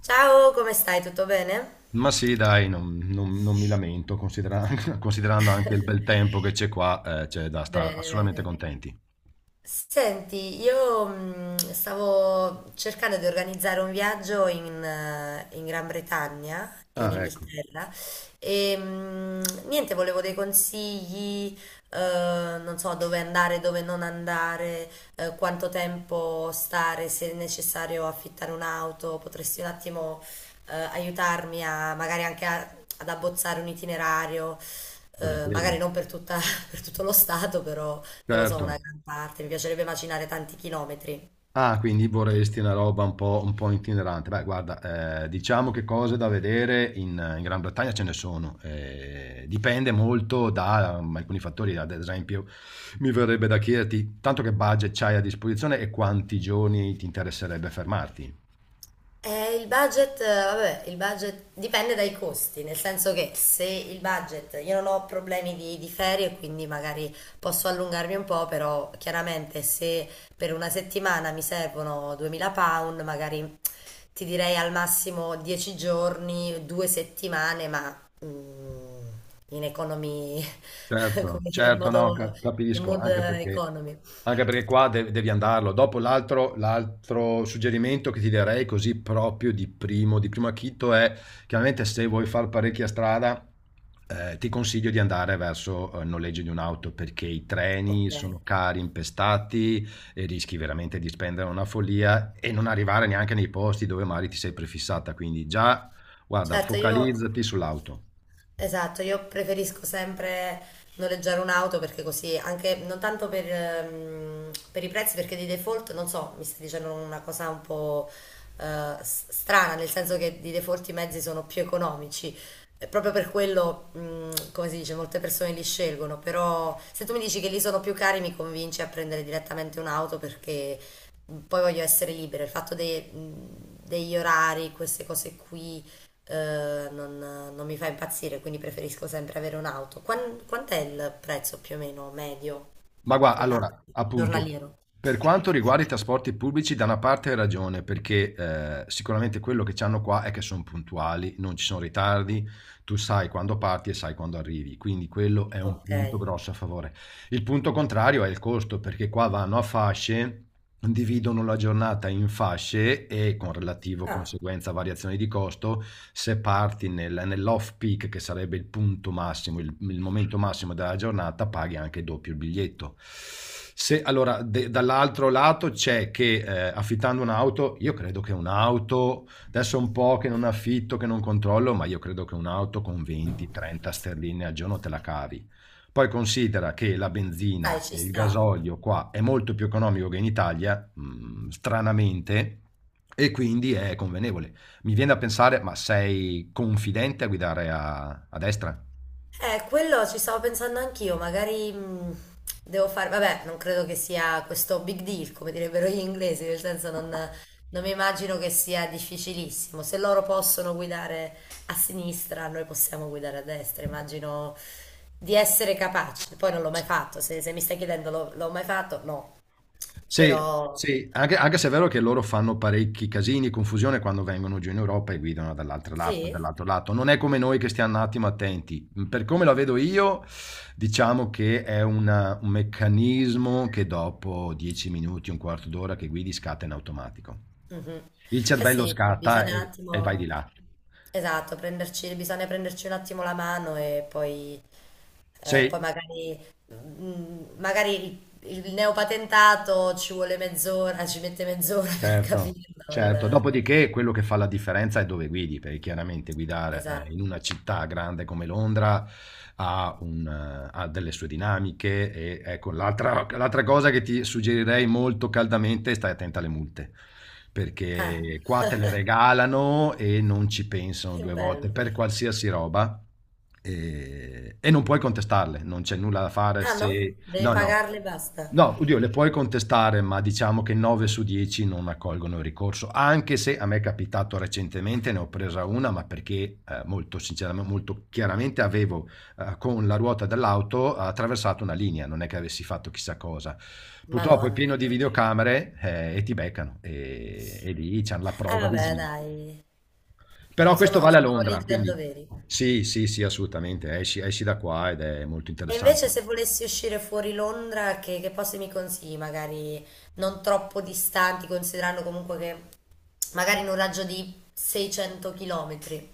Ciao, come stai? Tutto bene? Ma sì, dai, non mi lamento, considerando anche il bel tempo che c'è qua, c'è da stare Bene, assolutamente bene. contenti. Senti, io stavo cercando di organizzare un viaggio in Gran Bretagna, in Ah, ecco, Inghilterra, e niente, volevo dei consigli, eh, non so dove andare, dove non andare, quanto tempo stare, se è necessario affittare un'auto. Potresti un attimo, aiutarmi a ad abbozzare un itinerario, volentieri. magari non per tutta- per tutto lo stato, però non lo so, una Certo. gran parte? Mi piacerebbe macinare tanti chilometri. Ah, quindi vorresti una roba un po' itinerante. Beh, guarda, diciamo che cose da vedere in Gran Bretagna ce ne sono. Dipende molto da alcuni fattori, ad esempio, mi verrebbe da chiederti tanto che budget c'hai a disposizione e quanti giorni ti interesserebbe fermarti. Il budget, vabbè, il budget dipende dai costi, nel senso che se il budget, io non ho problemi di ferie, quindi magari posso allungarmi un po', però chiaramente se per una settimana mi servono 2000 pound, magari ti direi al massimo 10 giorni, due settimane, ma mm, in economy, Certo, come in certo, no, modo, ca- in capisco, mood anche perché, economy. anche perché qua devi andarlo. Dopo l'altro suggerimento che ti darei, così proprio di primo acchito è, chiaramente se vuoi fare parecchia strada, ti consiglio di andare verso il noleggio di un'auto, perché i treni Ok. sono cari, impestati e rischi veramente di spendere una follia e non arrivare neanche nei posti dove magari ti sei prefissata. Quindi già, guarda, Certo, io focalizzati sull'auto. esatto, io preferisco sempre noleggiare un'auto perché così, anche non tanto per i prezzi, perché di default, non so, mi stai dicendo una cosa un po' strana, nel senso che di default i mezzi sono più economici. E proprio per quello, come si dice, molte persone li scelgono, però se tu mi dici che li sono più cari, mi convinci a prendere direttamente un'auto perché poi voglio essere libera. Degli orari, queste cose qui, non mi fa impazzire, quindi preferisco sempre avere un'auto. Quant'è il prezzo più o meno medio Ma guarda, per un'auto allora, appunto, giornaliero? per quanto riguarda i trasporti pubblici, da una parte hai ragione, perché sicuramente quello che hanno qua è che sono puntuali, non ci sono ritardi, tu sai quando parti e sai quando arrivi, quindi quello è un Ok. punto grosso a favore. Il punto contrario è il costo, perché qua vanno a fasce, dividono la giornata in fasce e con relativo Ah, conseguenza variazioni di costo, se parti nell'off peak, che sarebbe il punto massimo, il momento massimo della giornata, paghi anche doppio il biglietto. Se, allora, dall'altro lato c'è che affittando un'auto, io credo che un'auto, adesso è un po' che non affitto, che non controllo, ma io credo che un'auto con 20-30 sterline al giorno te la cavi. Poi considera che la dai, benzina ci e il sta. gasolio qua è molto più economico che in Italia, stranamente, e quindi è convenevole. Mi viene da pensare, ma sei confidente a guidare a destra? Quello ci stavo pensando anch'io, magari devo fare, vabbè, non credo che sia questo big deal, come direbbero gli inglesi, nel senso non mi immagino che sia difficilissimo. Se loro possono guidare a sinistra, noi possiamo guidare a destra, immagino di essere capaci. Poi non l'ho mai fatto, se mi stai chiedendo l'ho mai fatto, no, Sì, però sì, anche se è vero che loro fanno parecchi casini, confusione quando vengono giù in Europa e guidano dall'altro lato, sì. dall'altro lato. Non è come noi che stiamo un attimo attenti. Per come la vedo io, diciamo che è un meccanismo che dopo 10 minuti, un quarto d'ora che guidi, scatta in automatico. Mhm. Il Eh cervello sì, sì, scatta bisogna un e vai attimo, di là. esatto, prenderci, bisogna prenderci un attimo la mano e poi eh, poi Sì, magari, mm, magari il neopatentato ci vuole mezz'ora, ci mette mezz'ora per certo, capirlo. certo. Il- Dopodiché quello che fa la differenza è dove guidi, perché chiaramente guidare in esatto. una città grande come Londra ha delle sue dinamiche, e ecco, l'altra cosa che ti suggerirei molto caldamente è stai attenta alle multe, Ah, perché qua te le regalano e non ci pensano che due volte bello. per qualsiasi roba e non puoi contestarle, non c'è nulla da fare Ah no? se. Devi No, no. pagarle e basta. No, oddio, le puoi contestare, ma diciamo che 9 su 10 non accolgono il ricorso, anche se a me è capitato recentemente, ne ho presa una, ma perché molto sinceramente, molto chiaramente avevo con la ruota dell'auto attraversato una linea, non è che avessi fatto chissà cosa. Purtroppo è pieno Madonna. di videocamere e ti beccano e lì c'è la Ah prova vabbè, visiva. dai. Però questo Sono, vale a sono Londra, ligi al quindi doveri. sì, sì, sì, assolutamente, esci, esci da qua ed è molto E interessante. invece se volessi uscire fuori Londra, che posti mi consigli? Magari non troppo distanti, considerando comunque che magari in un raggio di 600 km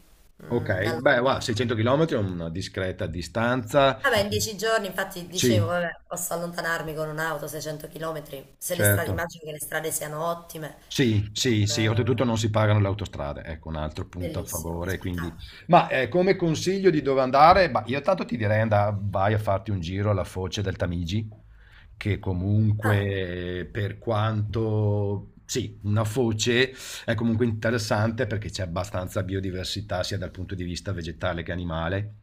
Ok, da beh, guarda, Londra. 600 km è una discreta distanza. Vabbè, in 10 giorni, infatti dicevo, Sì, vabbè, posso allontanarmi con un'auto 600 km, se le strade, certo. immagino che le strade siano ottime. Sì, sì, sì, Non, oltretutto non si pagano le autostrade, ecco un altro punto a bellissimo, che favore. Quindi... spettacolo. Ma come consiglio di dove andare? Bah, io tanto ti direi vai a farti un giro alla foce del Tamigi, che Ah, comunque per quanto... Sì, una foce è comunque interessante perché c'è abbastanza biodiversità sia dal punto di vista vegetale che animale.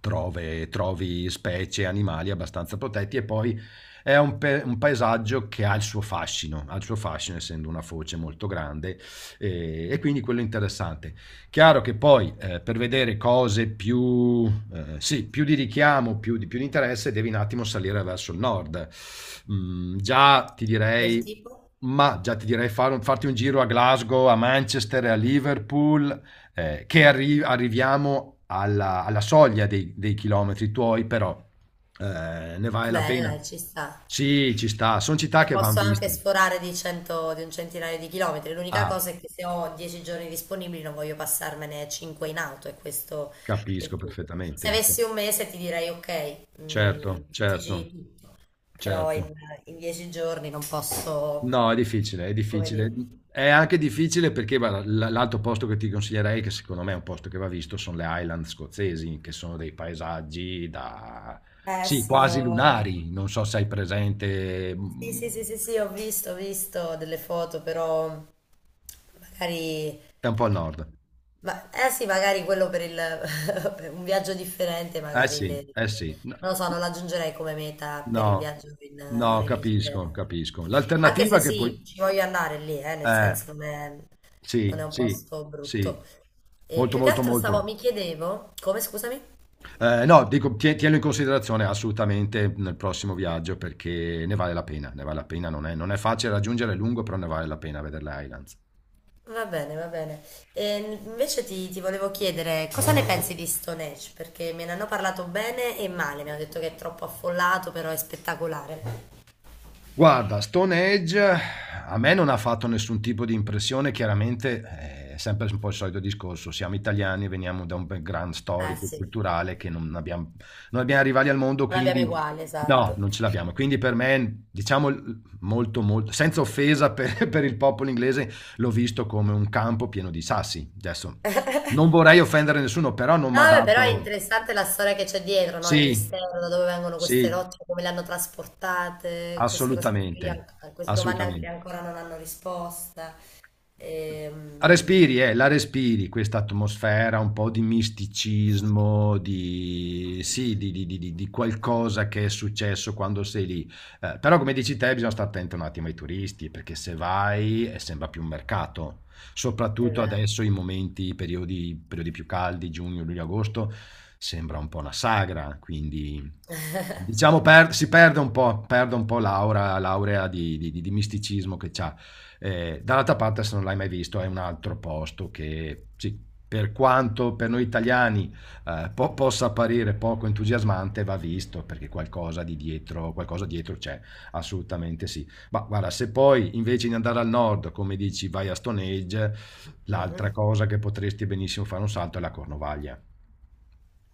Trovi specie, animali abbastanza protetti, e poi è un paesaggio che ha il suo fascino, ha il suo fascino, essendo una foce molto grande e quindi quello è interessante. Chiaro che poi per vedere cose più, sì, più di richiamo, più di interesse, devi un attimo salire verso il nord. Mm, già ti del direi, tipo? ma già ti direi farti un giro a Glasgow, a Manchester, a Liverpool, che arriviamo alla soglia dei chilometri tuoi, però ne vale Va la bene, pena. dai, ci sta. Sì, ci sta, sono città E che vanno posso anche viste. sforare di, 100, di un centinaio di chilometri. L'unica Ah, cosa è che se ho 10 giorni disponibili non voglio passarmene 5 in auto, e questo è capisco il punto. Se perfettamente. avessi un mese ti direi ok, Certo, certo, mettici tutto, però certo. In 10 giorni non posso, No, è difficile, è come difficile. dire. È anche difficile perché guarda, l'altro posto che ti consiglierei, che secondo me è un posto che va visto, sono le Highland scozzesi, che sono dei paesaggi da... Eh Sì, sì, quasi ho... lunari, non so se hai presente. Sì, sì, sì, sì, sì, ho visto delle foto, però magari È un po' al nord. ma, eh sì, magari quello per il, per un viaggio differente, Eh sì, eh sì. No, non lo so, non l'aggiungerei come meta per il no, viaggio in no, capisco, Inghilterra. capisco. Anche L'alternativa se che sì, poi... ci voglio andare lì, nel Eh, senso non è sì, un sì, posto brutto. sì. E Molto, più che molto, altro stavo, molto. mi chiedevo, come scusami? No, dico, tienilo in considerazione assolutamente nel prossimo viaggio, perché ne vale la pena, ne vale la pena. Non è facile raggiungere, è lungo, però ne vale la pena vedere le Highlands. Va bene, va bene. E invece ti volevo chiedere cosa ne pensi di Stonehenge? Perché me ne hanno parlato bene e male, mi hanno detto che è troppo affollato, però è spettacolare. Guarda, Stone Age a me non ha fatto nessun tipo di impressione, chiaramente è sempre un po' il solito discorso, siamo italiani, veniamo da un background Eh storico e sì. culturale che non abbiamo rivali al mondo, Non abbiamo quindi uguale, no, esatto. non ce l'abbiamo. Quindi per me, diciamo molto, molto, senza offesa per, per il popolo inglese, l'ho visto come un campo pieno di sassi. Adesso non vorrei offendere nessuno, però non mi No, ha vabbè, però è dato... interessante la storia che c'è dietro, no? Il Sì, mistero, da dove vengono sì, queste rocce, come le hanno trasportate, queste cose qui, assolutamente, queste domande anche assolutamente. ancora non hanno risposta. La Ehm, Respiri, eh, la respiri questa atmosfera un po' di misticismo, sì, di qualcosa che è successo quando sei lì. Però, come dici te, bisogna stare attento un attimo ai turisti, perché se vai sembra più un mercato, soprattutto adesso esatto. in momenti, i periodi più caldi, giugno, luglio, agosto, sembra un po' una sagra, quindi... Diciamo, perde un po' l'aurea di misticismo che c'ha. Dall'altra parte, se non l'hai mai visto, è un altro posto che sì, per quanto per noi italiani possa apparire poco entusiasmante, va visto perché qualcosa dietro c'è, assolutamente sì. Ma guarda, se poi invece di andare al nord, come dici, vai a Stone Age, Mhm. l'altra cosa che potresti benissimo fare un salto è la Cornovaglia.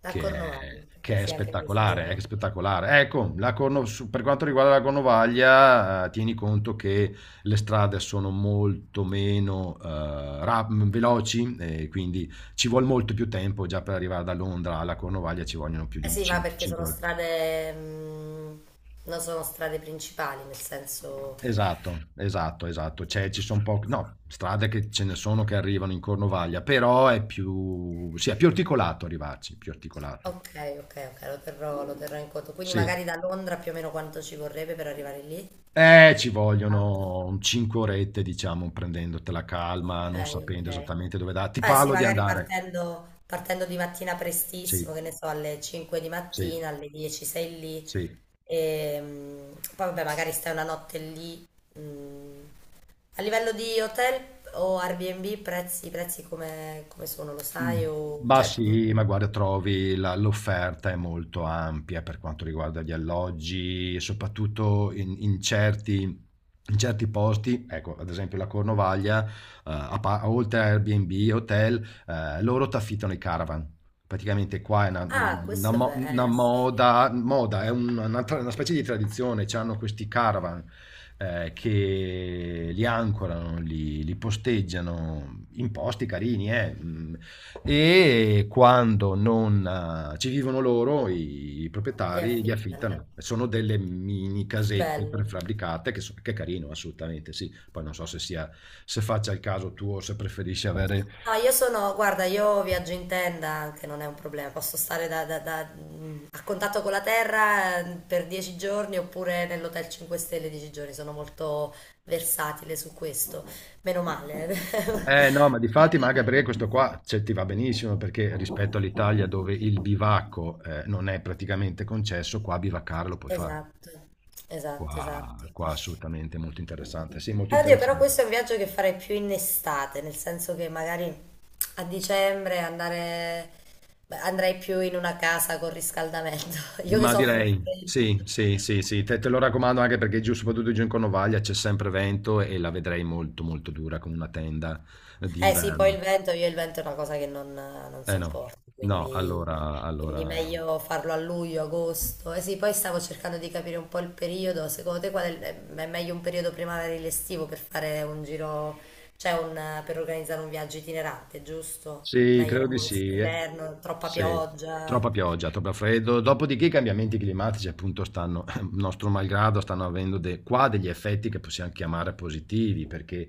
A Che Cornovaglia, è eh che è sì, anche questa spettacolare, è loro. spettacolare. Ecco, per quanto riguarda la Cornovaglia, tieni conto che le strade sono molto meno veloci, e quindi ci vuole molto più tempo. Già per arrivare da Londra alla Cornovaglia ci vogliono più Eh di sì, ma perché 5 sono ore. strade, non sono strade principali, nel senso... Esatto, esatto, esatto. Ci sono poche, no, strade che ce ne sono che arrivano in Cornovaglia, però sì, è più articolato arrivarci, più articolato. Ok, ok, ok, lo terrò in conto. Quindi Sì. magari da Londra più o meno quanto ci vorrebbe per arrivare lì? Ci Auto. vogliono un 5 orette, diciamo, prendendotela calma, Ok, non ok. sapendo esattamente dove da ti Eh sì, parlo di magari andare. partendo, partendo di mattina Sì, prestissimo, che ne so, alle 5 di sì, mattina, alle 10 sei lì, sì. e poi vabbè, magari stai una notte lì. Mm. A livello di hotel o Airbnb, prezzi, prezzi come, come sono, lo Mh. sai? O, Ma cioè, mm, sì, ma guarda, trovi la l'offerta è molto ampia per quanto riguarda gli alloggi, soprattutto in certi posti, ecco, ad esempio la Cornovaglia, a pa oltre a Airbnb e hotel, loro t'affittano i caravan. Praticamente qua è una mhmm, ah, una questo è mo bello, una eh sì, moda moda, è un una tra una specie di tradizione, c'hanno questi caravan, che li ancorano, li posteggiano, imposti carini, eh. Mm. E quando non ci vivono loro, i le proprietari li affittano. affittano. Sono delle mini Che casette bello. prefabbricate che è carino, assolutamente sì. Poi non so se sia, se faccia il caso tuo, o se preferisci avere. No, io sono, guarda, io viaggio in tenda anche, non è un problema, posso stare a contatto con la terra per 10 giorni oppure nell'hotel 5 stelle 10 giorni, sono molto versatile su questo, meno male. Eh no, ma difatti, ma anche perché questo qua, cioè, ti va benissimo, perché rispetto all'Italia dove il bivacco non è praticamente concesso, qua bivaccare lo puoi fare. Esatto, esatto, Qua, esatto. qua assolutamente molto interessante. Sì, molto oddio, però interessante. questo è un viaggio che farei più in estate, nel senso che magari a dicembre andare, beh, andrei più in una casa con riscaldamento, io che Ma soffro il direi, freddo. sì, sì, sì, sì, te lo raccomando, anche perché giù, soprattutto giù in Cornovaglia c'è sempre vento e la vedrei molto molto dura con una tenda Eh sì, poi il d'inverno. vento, io il vento è una cosa che non Eh no, sopporto, no, quindi, allora, quindi allora... meglio farlo a luglio, agosto. Eh sì, poi stavo cercando di capire un po' il periodo, secondo te qual è, è meglio un periodo primaverile estivo per fare un giro, cioè un, per organizzare un viaggio itinerante, giusto? Sì, Meglio credo non di muoversi in sì. Inverno, troppa Sì, pioggia. troppa pioggia, troppo freddo. Dopodiché i cambiamenti climatici, appunto, stanno, nostro malgrado, stanno avendo qua degli effetti che possiamo chiamare positivi, perché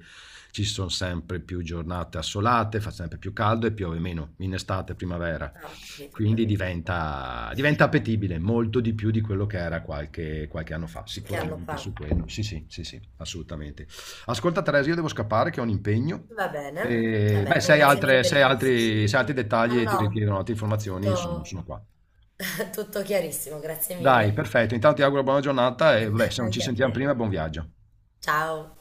ci sono sempre più giornate assolate, fa sempre più caldo e piove meno in estate, primavera. Ah, ho capito, ho Quindi capito. diventa appetibile molto di più di quello che era qualche anno fa, Che anno sicuramente fa? su quello. Sì, sì, sì, sì, assolutamente. Ascolta Teresa, io devo scappare che ho un impegno. Va bene, va E, beh, bene, grazie mille per se hai i altri, consigli. se hai altri No, dettagli no, e ti richiedono no, altre informazioni, io sono, tutto, sono qua. tutto chiarissimo, grazie Dai, mille. perfetto. Intanto ti auguro buona giornata e vabbè, se non ci Anche a sentiamo te. prima, buon viaggio. Ciao.